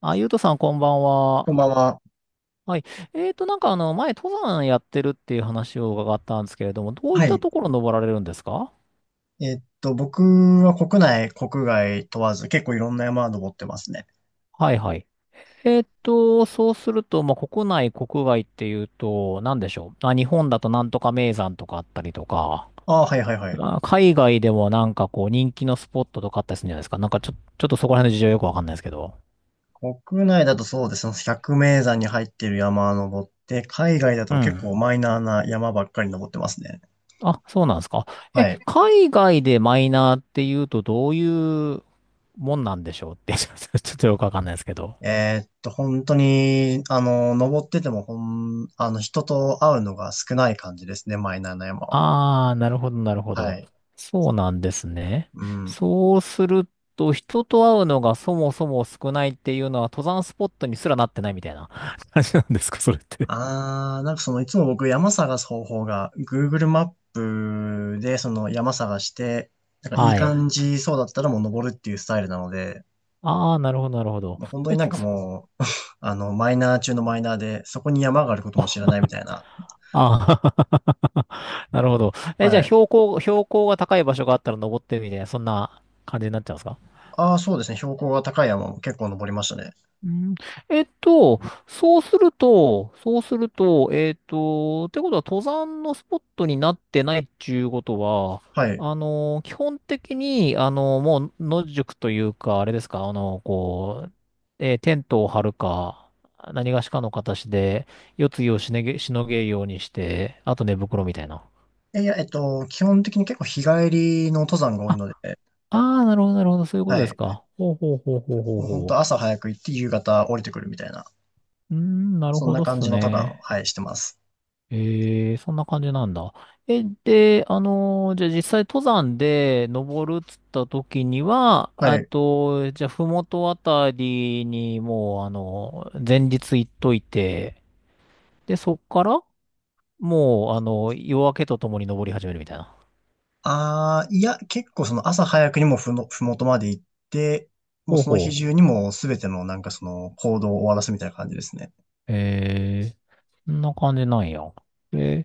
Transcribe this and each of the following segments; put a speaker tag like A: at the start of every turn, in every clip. A: あ、ゆうとさん、こんばん
B: こ
A: は。
B: んばんは。
A: はい。前、登山やってるっていう話を伺ったんですけれども、どういっ
B: は
A: た
B: い。
A: ところ登られるんですか？
B: 僕は国内、国外問わず結構いろんな山登ってますね。
A: はいはい。そうすると、まあ、国内、国外っていうと、なんでしょう。あ、日本だとなんとか名山とかあったりとか、
B: ああ、はいはいはい。
A: あ、海外でもなんかこう、人気のスポットとかあったりするんじゃないですか。なんか、ちょっとそこら辺の事情よくわかんないですけど。
B: 国内だとそうですね。百名山に入ってる山登って、海外だ
A: う
B: と結
A: ん。
B: 構マイナーな山ばっかり登ってますね。
A: あ、そうなんですか。
B: は
A: え、
B: い。
A: 海外でマイナーっていうとどういうもんなんでしょうって ちょっとよくわかんないですけど。
B: えっと、本当に、登ってても、ほん、あの、人と会うのが少ない感じですね、マイナーな山は。
A: ああ、なるほど、なるほ
B: は
A: ど。
B: い。
A: そうなんですね。
B: うん。
A: そうすると、人と会うのがそもそも少ないっていうのは登山スポットにすらなってないみたいな 感じなんですか、それって。
B: なんかそのいつも僕山探す方法が Google マップでその山探して、なんかいい
A: はい。
B: 感じそうだったらもう登るっていうスタイルなので、
A: ああ、なるほど、なるほど。
B: もう本当
A: え、
B: になんかもう、マイナー中のマイナーで、そこに山があることも知らな
A: あ、
B: いみたいな。
A: ああ なるほど。え、じゃ
B: は
A: あ
B: い。
A: 標高が高い場所があったら登ってるみたいな、そんな感じになっちゃうんですか？
B: ああ、そうですね。標高が高い山も結構登りましたね。
A: うん、えっと、そうすると、ってことは登山のスポットになってないっていうことは、
B: はい。
A: あの、基本的に、あの、もう野宿というか、あれですか、あの、こう、えーテントを張るか、何がしかの形で、夜露をしのげ、しのげるようにして、あと寝袋みたいな。
B: えいや、えっと、基本的に結構日帰りの登山が多い
A: あ、
B: ので、
A: ああなるほど、なるほど、そういうこ
B: は
A: とです
B: い。
A: か。ほうほうほうほうほう
B: もう本当
A: ほ
B: 朝
A: う。
B: 早く行って夕方降りてくるみたいな、
A: うーん、なる
B: そん
A: ほ
B: な
A: どっ
B: 感
A: す
B: じの登山を、
A: ね。
B: はい、してます。
A: ええ、そんな感じなんだ。え、で、じゃあ実際登山で登るっつった時には、
B: は
A: あ
B: い。
A: と、じゃあ、ふもとあたりにもう、あの、前日行っといて、で、そっから、もう、あの、夜明けとともに登り始めるみたいな。
B: ああ、いや、結構その朝早くにもふもとまで行って、もう
A: ほう
B: その日
A: ほ
B: 中にもすべてのなんかその行動を終わらすみたいな感じですね。
A: う。ええ、そんな感じなんや。え、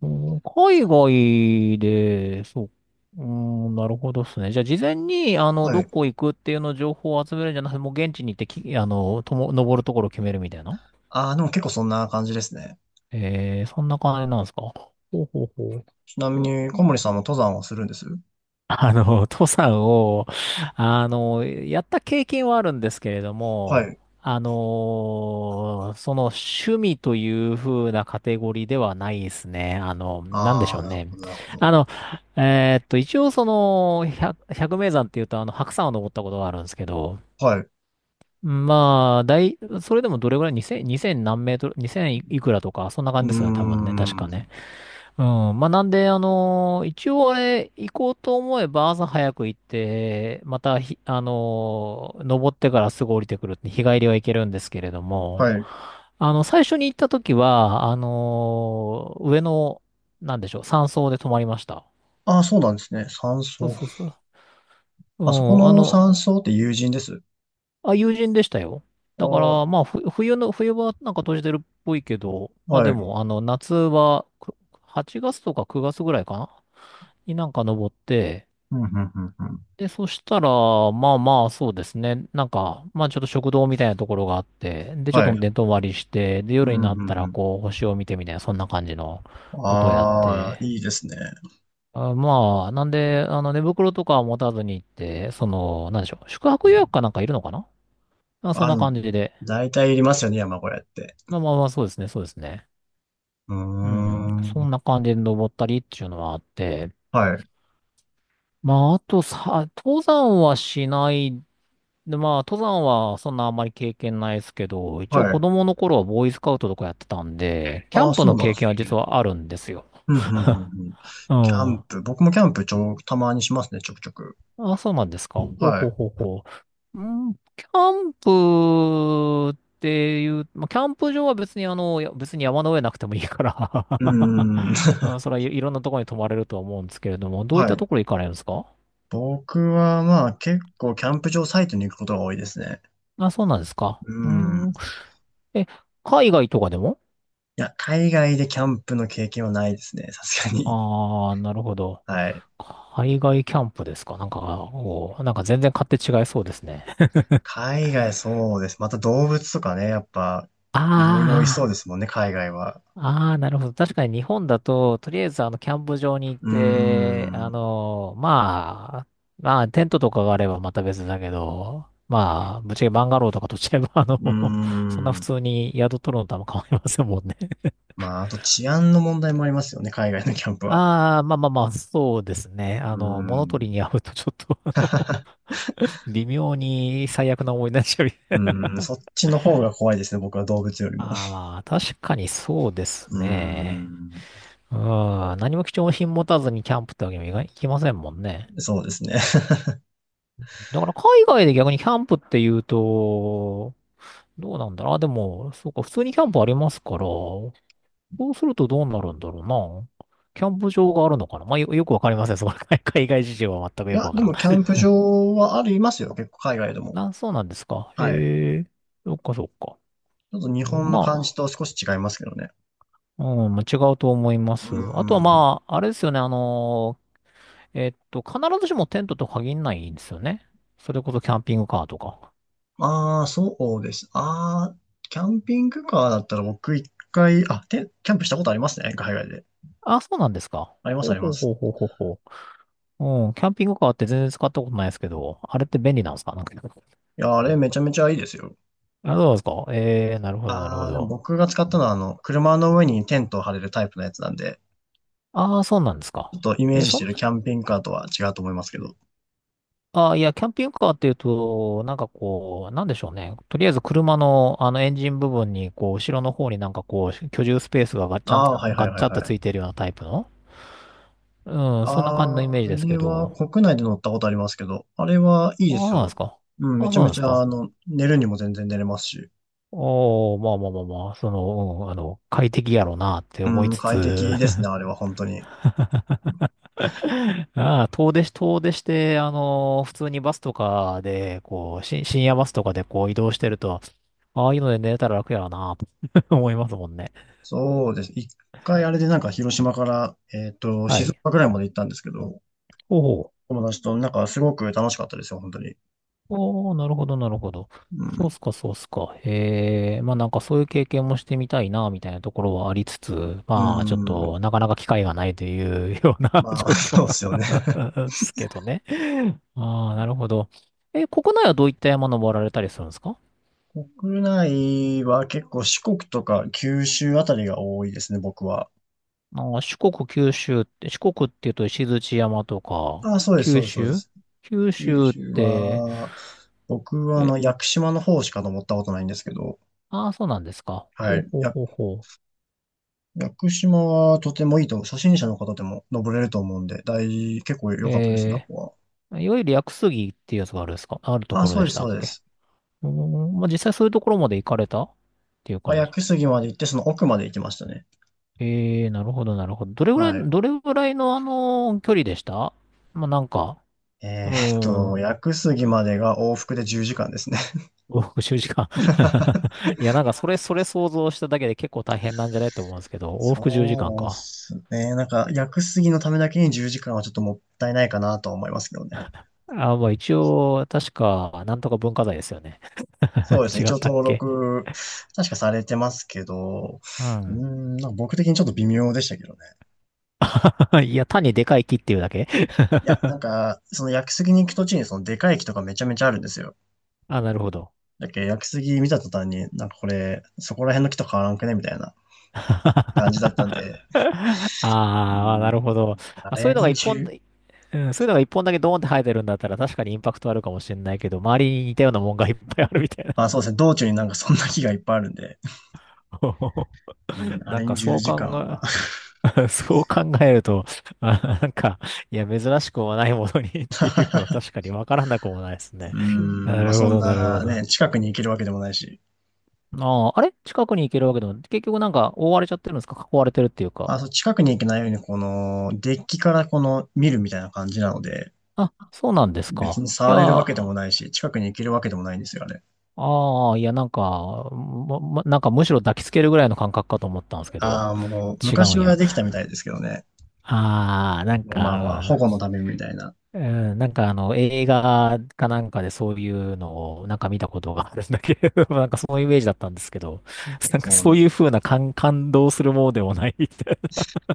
A: うん、海外で、そう、うん、なるほどですね。じゃあ、事前に、あの、
B: は
A: ど
B: い。
A: こ行くっていうの情報を集めるんじゃなくて、もう現地に行ってき、あの、とも、登るところを決めるみたいな。
B: ああ、でも結構そんな感じですね。
A: えー、そんな感じなんですか。ほうほうほう。
B: ちなみに小森さんも登山をするんです？
A: あの、登山を、あの、やった経験はあるんですけれど
B: は
A: も、
B: い。
A: あの、その趣味という風なカテゴリーではないですね。あの、なんでし
B: あ
A: ょ
B: あ、
A: う
B: なる
A: ね。
B: ほど、なるほど。
A: あの、一応その、百名山っていうと、あの、白山を登ったことがあるんですけど、
B: はい。う
A: まあ、大、それでもどれぐらい、2000何メートル、2000いくらとか、そんな
B: ー
A: 感じですよね、多分ね、確か
B: ん。
A: ね。うん。まあ、なんで、一応あれ、行こうと思えば朝早く行って、またひ、あのー登ってからすぐ降りてくるって日帰りは行けるんですけれども、
B: はい。
A: あの、最初に行った時は、あのー上の、なんでしょう、山荘で泊まりました。
B: ああ、そうなんですね。山
A: そう
B: 荘。
A: そうそう。う
B: あそこ
A: ん、あ
B: の
A: の、
B: 山荘って友人です？
A: あ、友人でしたよ。だか
B: ああ、
A: ら、まあ、ふ冬の、冬はなんか閉じてるっぽいけど、まあ
B: は
A: で
B: い。
A: も、あの、夏はく8月とか9月ぐらいかなになんか登って、
B: うん、うん、うん、うん。
A: で、そしたら、まあまあ、そうですね。なんか、まあちょっと食堂みたいなところがあって、で、ちょっ
B: は
A: と
B: い。
A: 寝泊まりして、で、
B: うん、
A: 夜になった
B: う
A: ら、
B: ん、
A: こう、星を見てみたいな、そんな感じの
B: うん。
A: ことをやっ
B: ああ、
A: て、
B: いいですね。
A: あ、まあ、なんで、あの、寝袋とかは持たずに行って、その、なんでしょう、宿泊予約かなんかいるのかな？まあ、そん
B: あ、
A: な感じで。
B: 大体いりますよね、山小屋って。
A: まあまあまあ、そうですね、そうですね。
B: うー
A: うん。そ
B: ん。
A: んな感じで登ったりっていうのはあって、
B: はい。
A: まあ、あとさ、登山はしないで、まあ、登山はそんなあんまり経験ないですけど、一応
B: は
A: 子
B: い。
A: 供の頃はボーイスカウトとかやってたんで、キャ
B: ああ、
A: ンプ
B: そ
A: の
B: うなんで
A: 経
B: す
A: 験は実
B: ね。
A: はあるんですよ。
B: うん、うん、うん、うん。
A: う
B: キャン
A: ん。
B: プ。僕もキャンプたまにしますね、ちょくちょく。
A: あ、そうなんですか。ほう
B: は
A: ほう
B: い。
A: ほうほう。うん、キャンプっていう、まあ、キャンプ場は別にあの、いや別に山の上なくてもいいか
B: うーん。
A: ら うん、それはい、いろんなところに泊まれるとは思うんですけれども、どういっ
B: は
A: たと
B: い。
A: ころ行かれるんですか？
B: 僕はまあ結構キャンプ場サイトに行くことが多いですね。
A: あ、そうなんですか。
B: う
A: う
B: ん。い
A: ん。え、海外とかでも？
B: や、海外でキャンプの経験はないですね、さすがに。
A: ああー、なるほど。
B: はい。
A: 海外キャンプですかなんか、おーなんか全然勝手違いそうですね。
B: 海外そうです。また動物とかね、やっぱ、いろいろいそう
A: あ
B: ですもんね、海外は。
A: あ、ああ、なるほど。確かに日本だと、とりあえずあの、キャンプ場に行っ
B: うー
A: て、あ
B: ん。
A: の、まあ、まあ、テントとかがあればまた別だけど、まあ、ぶっちゃけバンガローとかとっちゃえば、あの、
B: うー
A: そんな普
B: ん。
A: 通に宿取るのとあんま変わりませんもんね。
B: まあ、あと治安の問題もありますよね、海外のキャンプは。
A: ああ、まあまあまあ、そうですね。
B: うー
A: あの、物取り
B: ん。
A: に会うとちょっと、あの、微妙に最悪な思い出しちゃう。
B: うーん、そっちの方が怖いですね、僕は動物よりも。
A: ああ、まあ、確かにそうです
B: うー
A: ね。
B: ん。
A: うん、何も貴重品持たずにキャンプってわけにもいかいきませんもんね。
B: そうですね。
A: だから海外で逆にキャンプって言うと、どうなんだろう。あ、でも、そうか、普通にキャンプありますから、そうするとどうなるんだろうな。キャンプ場があるのかな？まあ、よくわかりません。その海 海外事情は全く
B: い
A: よく
B: や、
A: わか
B: で
A: らん。
B: もキャンプ場はありますよ、結構海外でも。
A: な、そうなんですか。
B: はい。
A: へえ、そっかそっか。
B: ちょっと日本の
A: ま
B: 感
A: あ、
B: じと少し違いますけどね。
A: うん、まあ違うと思いま
B: う
A: す。あとは
B: ーん。
A: まあ、あれですよね、あの必ずしもテントと限らないんですよね。それこそキャンピングカーとか。
B: ああ、そうです。ああ、キャンピングカーだったら僕一回、キャンプしたことありますね、海外で。
A: あ、そうなんですか。
B: あります、
A: ほ
B: あ
A: う
B: りま
A: ほう
B: す。
A: ほうほうほうほう。うん、キャンピングカーって全然使ったことないですけど、あれって便利なんですかなんか。
B: いや、あれめちゃめちゃいいですよ。
A: あ、そうなんですか。えー、なるほど、なるほ
B: ああ、でも
A: ど。
B: 僕が使ったのは、あの、車の上にテントを張れるタイプのやつなんで、
A: ああ、そうなんですか。
B: ちょっとイメー
A: え、
B: ジし
A: そ
B: て
A: ん、
B: るキャンピングカーとは違うと思いますけど。
A: ああ、いや、キャンピングカーっていうと、なんかこう、なんでしょうね。とりあえず車の、あの、エンジン部分に、こう、後ろの方になんかこう、居住スペースが
B: ああ、はいはい
A: ガッ
B: はい
A: チャンと
B: は
A: つい
B: い。
A: てるようなタイプの、うん、そんな感じのイメ
B: あ
A: ージですけ
B: れは
A: ど、
B: 国内で乗ったことありますけど、あれはいい
A: あ
B: で
A: あ、そう
B: す
A: なんです
B: よ。
A: か。
B: うん、
A: あ
B: め
A: あ、
B: ち
A: そ
B: ゃ
A: うな
B: め
A: んで
B: ち
A: す
B: ゃ、
A: か。
B: 寝るにも全然寝れますし、
A: おおまあまあまあまあ、その、うん、あの、快適やろうなって
B: う
A: 思い
B: ん、
A: つ
B: 快
A: つ、
B: 適 ですね、あれは本当に。
A: ああ、遠出して、あの、普通にバスとかで、深夜バスとかでこう移動してると、ああいうので寝れたら楽やろうなと 思いますもんね。
B: そうです。一回あれでなんか広島から、
A: は
B: 静
A: い。
B: 岡ぐらいまで行ったんですけど、
A: おお。
B: 友達となんかすごく楽しかったですよ、本当に。
A: おー、なるほど、なるほど。
B: う
A: そうっ
B: ん、
A: すか、そうっすか。へえ、まあなんかそういう経験もしてみたいな、みたいなところはありつつ、
B: う
A: まあちょっと
B: ん、
A: なかなか機会がないというような
B: まあ、
A: 状況
B: そうですよね。
A: なんですけどね。ああ、なるほど。え、国内はどういった山登られたりするんですか？
B: 国内は結構四国とか九州あたりが多いですね、僕は。
A: あー四国、九州って、四国っていうと石鎚山とか、
B: あ、そうです、そう
A: 九
B: です、そうで
A: 州
B: す。
A: 九
B: 九
A: 州っ
B: 州
A: て、
B: は、僕はあ
A: え、
B: の、屋久島の方しか登ったことないんですけど、
A: ああ、そうなんですか。
B: は
A: ほう
B: い。
A: ほうほうほう。
B: 屋久島はとてもいいと、初心者の方でも登れると思うんで、結構良かったですね、
A: えー
B: ここ
A: いわゆる屋久杉っていうやつがあるですかあると
B: は。あ、
A: ころ
B: そう
A: で
B: で
A: し
B: す、
A: た
B: そ
A: っ
B: うで
A: け？
B: す。
A: うーん、まあ、実際そういうところまで行かれたっていう
B: まあ、
A: 感
B: 屋
A: じ。
B: 久杉まで行って、その奥まで行きましたね。
A: ええー、なるほど、なるほど。どれぐらい、
B: はい。
A: どれぐらいのあの、距離でした？まあ、なんか、うーん、
B: 屋久杉までが往復で10時間ですね。
A: 5、6 10時間？ いや、なんかそれ、想像しただけで結構大変なんじゃないと思うんですけど、往復10時間
B: そ
A: か
B: うっ
A: んか。
B: すね。なんか、屋久杉のためだけに10時間はちょっともったいないかなとは思いますけどね。
A: あ、まあ一応、確か、なんとか文化財ですよね。
B: そう ですね。
A: 違
B: 一
A: っ
B: 応
A: たっ
B: 登
A: け？
B: 録、確かされてますけど、
A: う
B: うー
A: ん。
B: ん、なんか僕的にちょっと微妙でしたけどね。
A: いや、単にでかい木っていうだけ？
B: いや、なんか、その屋久杉に行く途中にそのでかい木とかめちゃめちゃあるんですよ。
A: あ、なるほど。
B: だっけど屋久杉見た途端に、なんかこれ、そこら辺の木と変わらんくねみたいな感じだったんで、
A: あ
B: う
A: あー、な
B: ん、
A: るほど。ま
B: あ
A: あ、そうい
B: れ
A: うのが
B: に
A: 一本
B: 10、
A: で、うん、そういうのが一本だけドーンって生えてるんだったら確かにインパクトあるかもしれないけど、周りに似たようなもんがいっぱいあるみたいな。
B: あ、そうですね。道中になんかそんな木がいっぱいあるんで、うん、あ
A: な
B: れ
A: んか
B: に10
A: そう
B: 時
A: 考
B: 間は、
A: え、そう考えると、まあ、なんか、いや、珍しくもないものに っていうのは確かにわからなくもないですね。
B: うー
A: な
B: ん、まあ、
A: る
B: そ
A: ほ
B: ん
A: ど、なるほ
B: な
A: ど。あ
B: ね、近くに行けるわけでもないし、
A: あ、あれ近くに行けるわけでも、結局なんか覆われちゃってるんですか囲われてるっていう
B: あ、
A: か。
B: そう、近くに行けないように、この、デッキからこの、見るみたいな感じなので、
A: あ、そうなんです
B: 別
A: か。
B: に
A: い
B: 触れるわ
A: や、
B: けでもないし、近くに行けるわけでもないんですよ、あれ。
A: ああ、いや、なんか、まなんかむしろ抱きつけるぐらいの感覚かと思ったんですけど、
B: ああ、もう、
A: 違う
B: 昔
A: ん
B: は
A: や。
B: できたみたいですけどね。
A: ああ、なん
B: まあまあ、保
A: か、
B: 護のためみたいな。
A: うん、うんなんかあの、映画かなんかでそういうのをなんか見たことがあるんだけど、なんかそのイメージだったんですけど、なんか
B: そう
A: そう
B: ね。
A: いう風な感動するものでもないみたい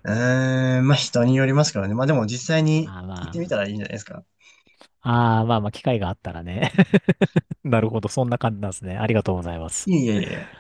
B: うーん、まあ人によりますからね。まあでも実際に
A: な。あー
B: 行ってみ
A: ま
B: たらいいんじゃないですか。
A: あ、ああ、まあまあ、機会があったらね。なるほど、そんな感じなんですね。ありがとうございます。
B: いえいえいえ。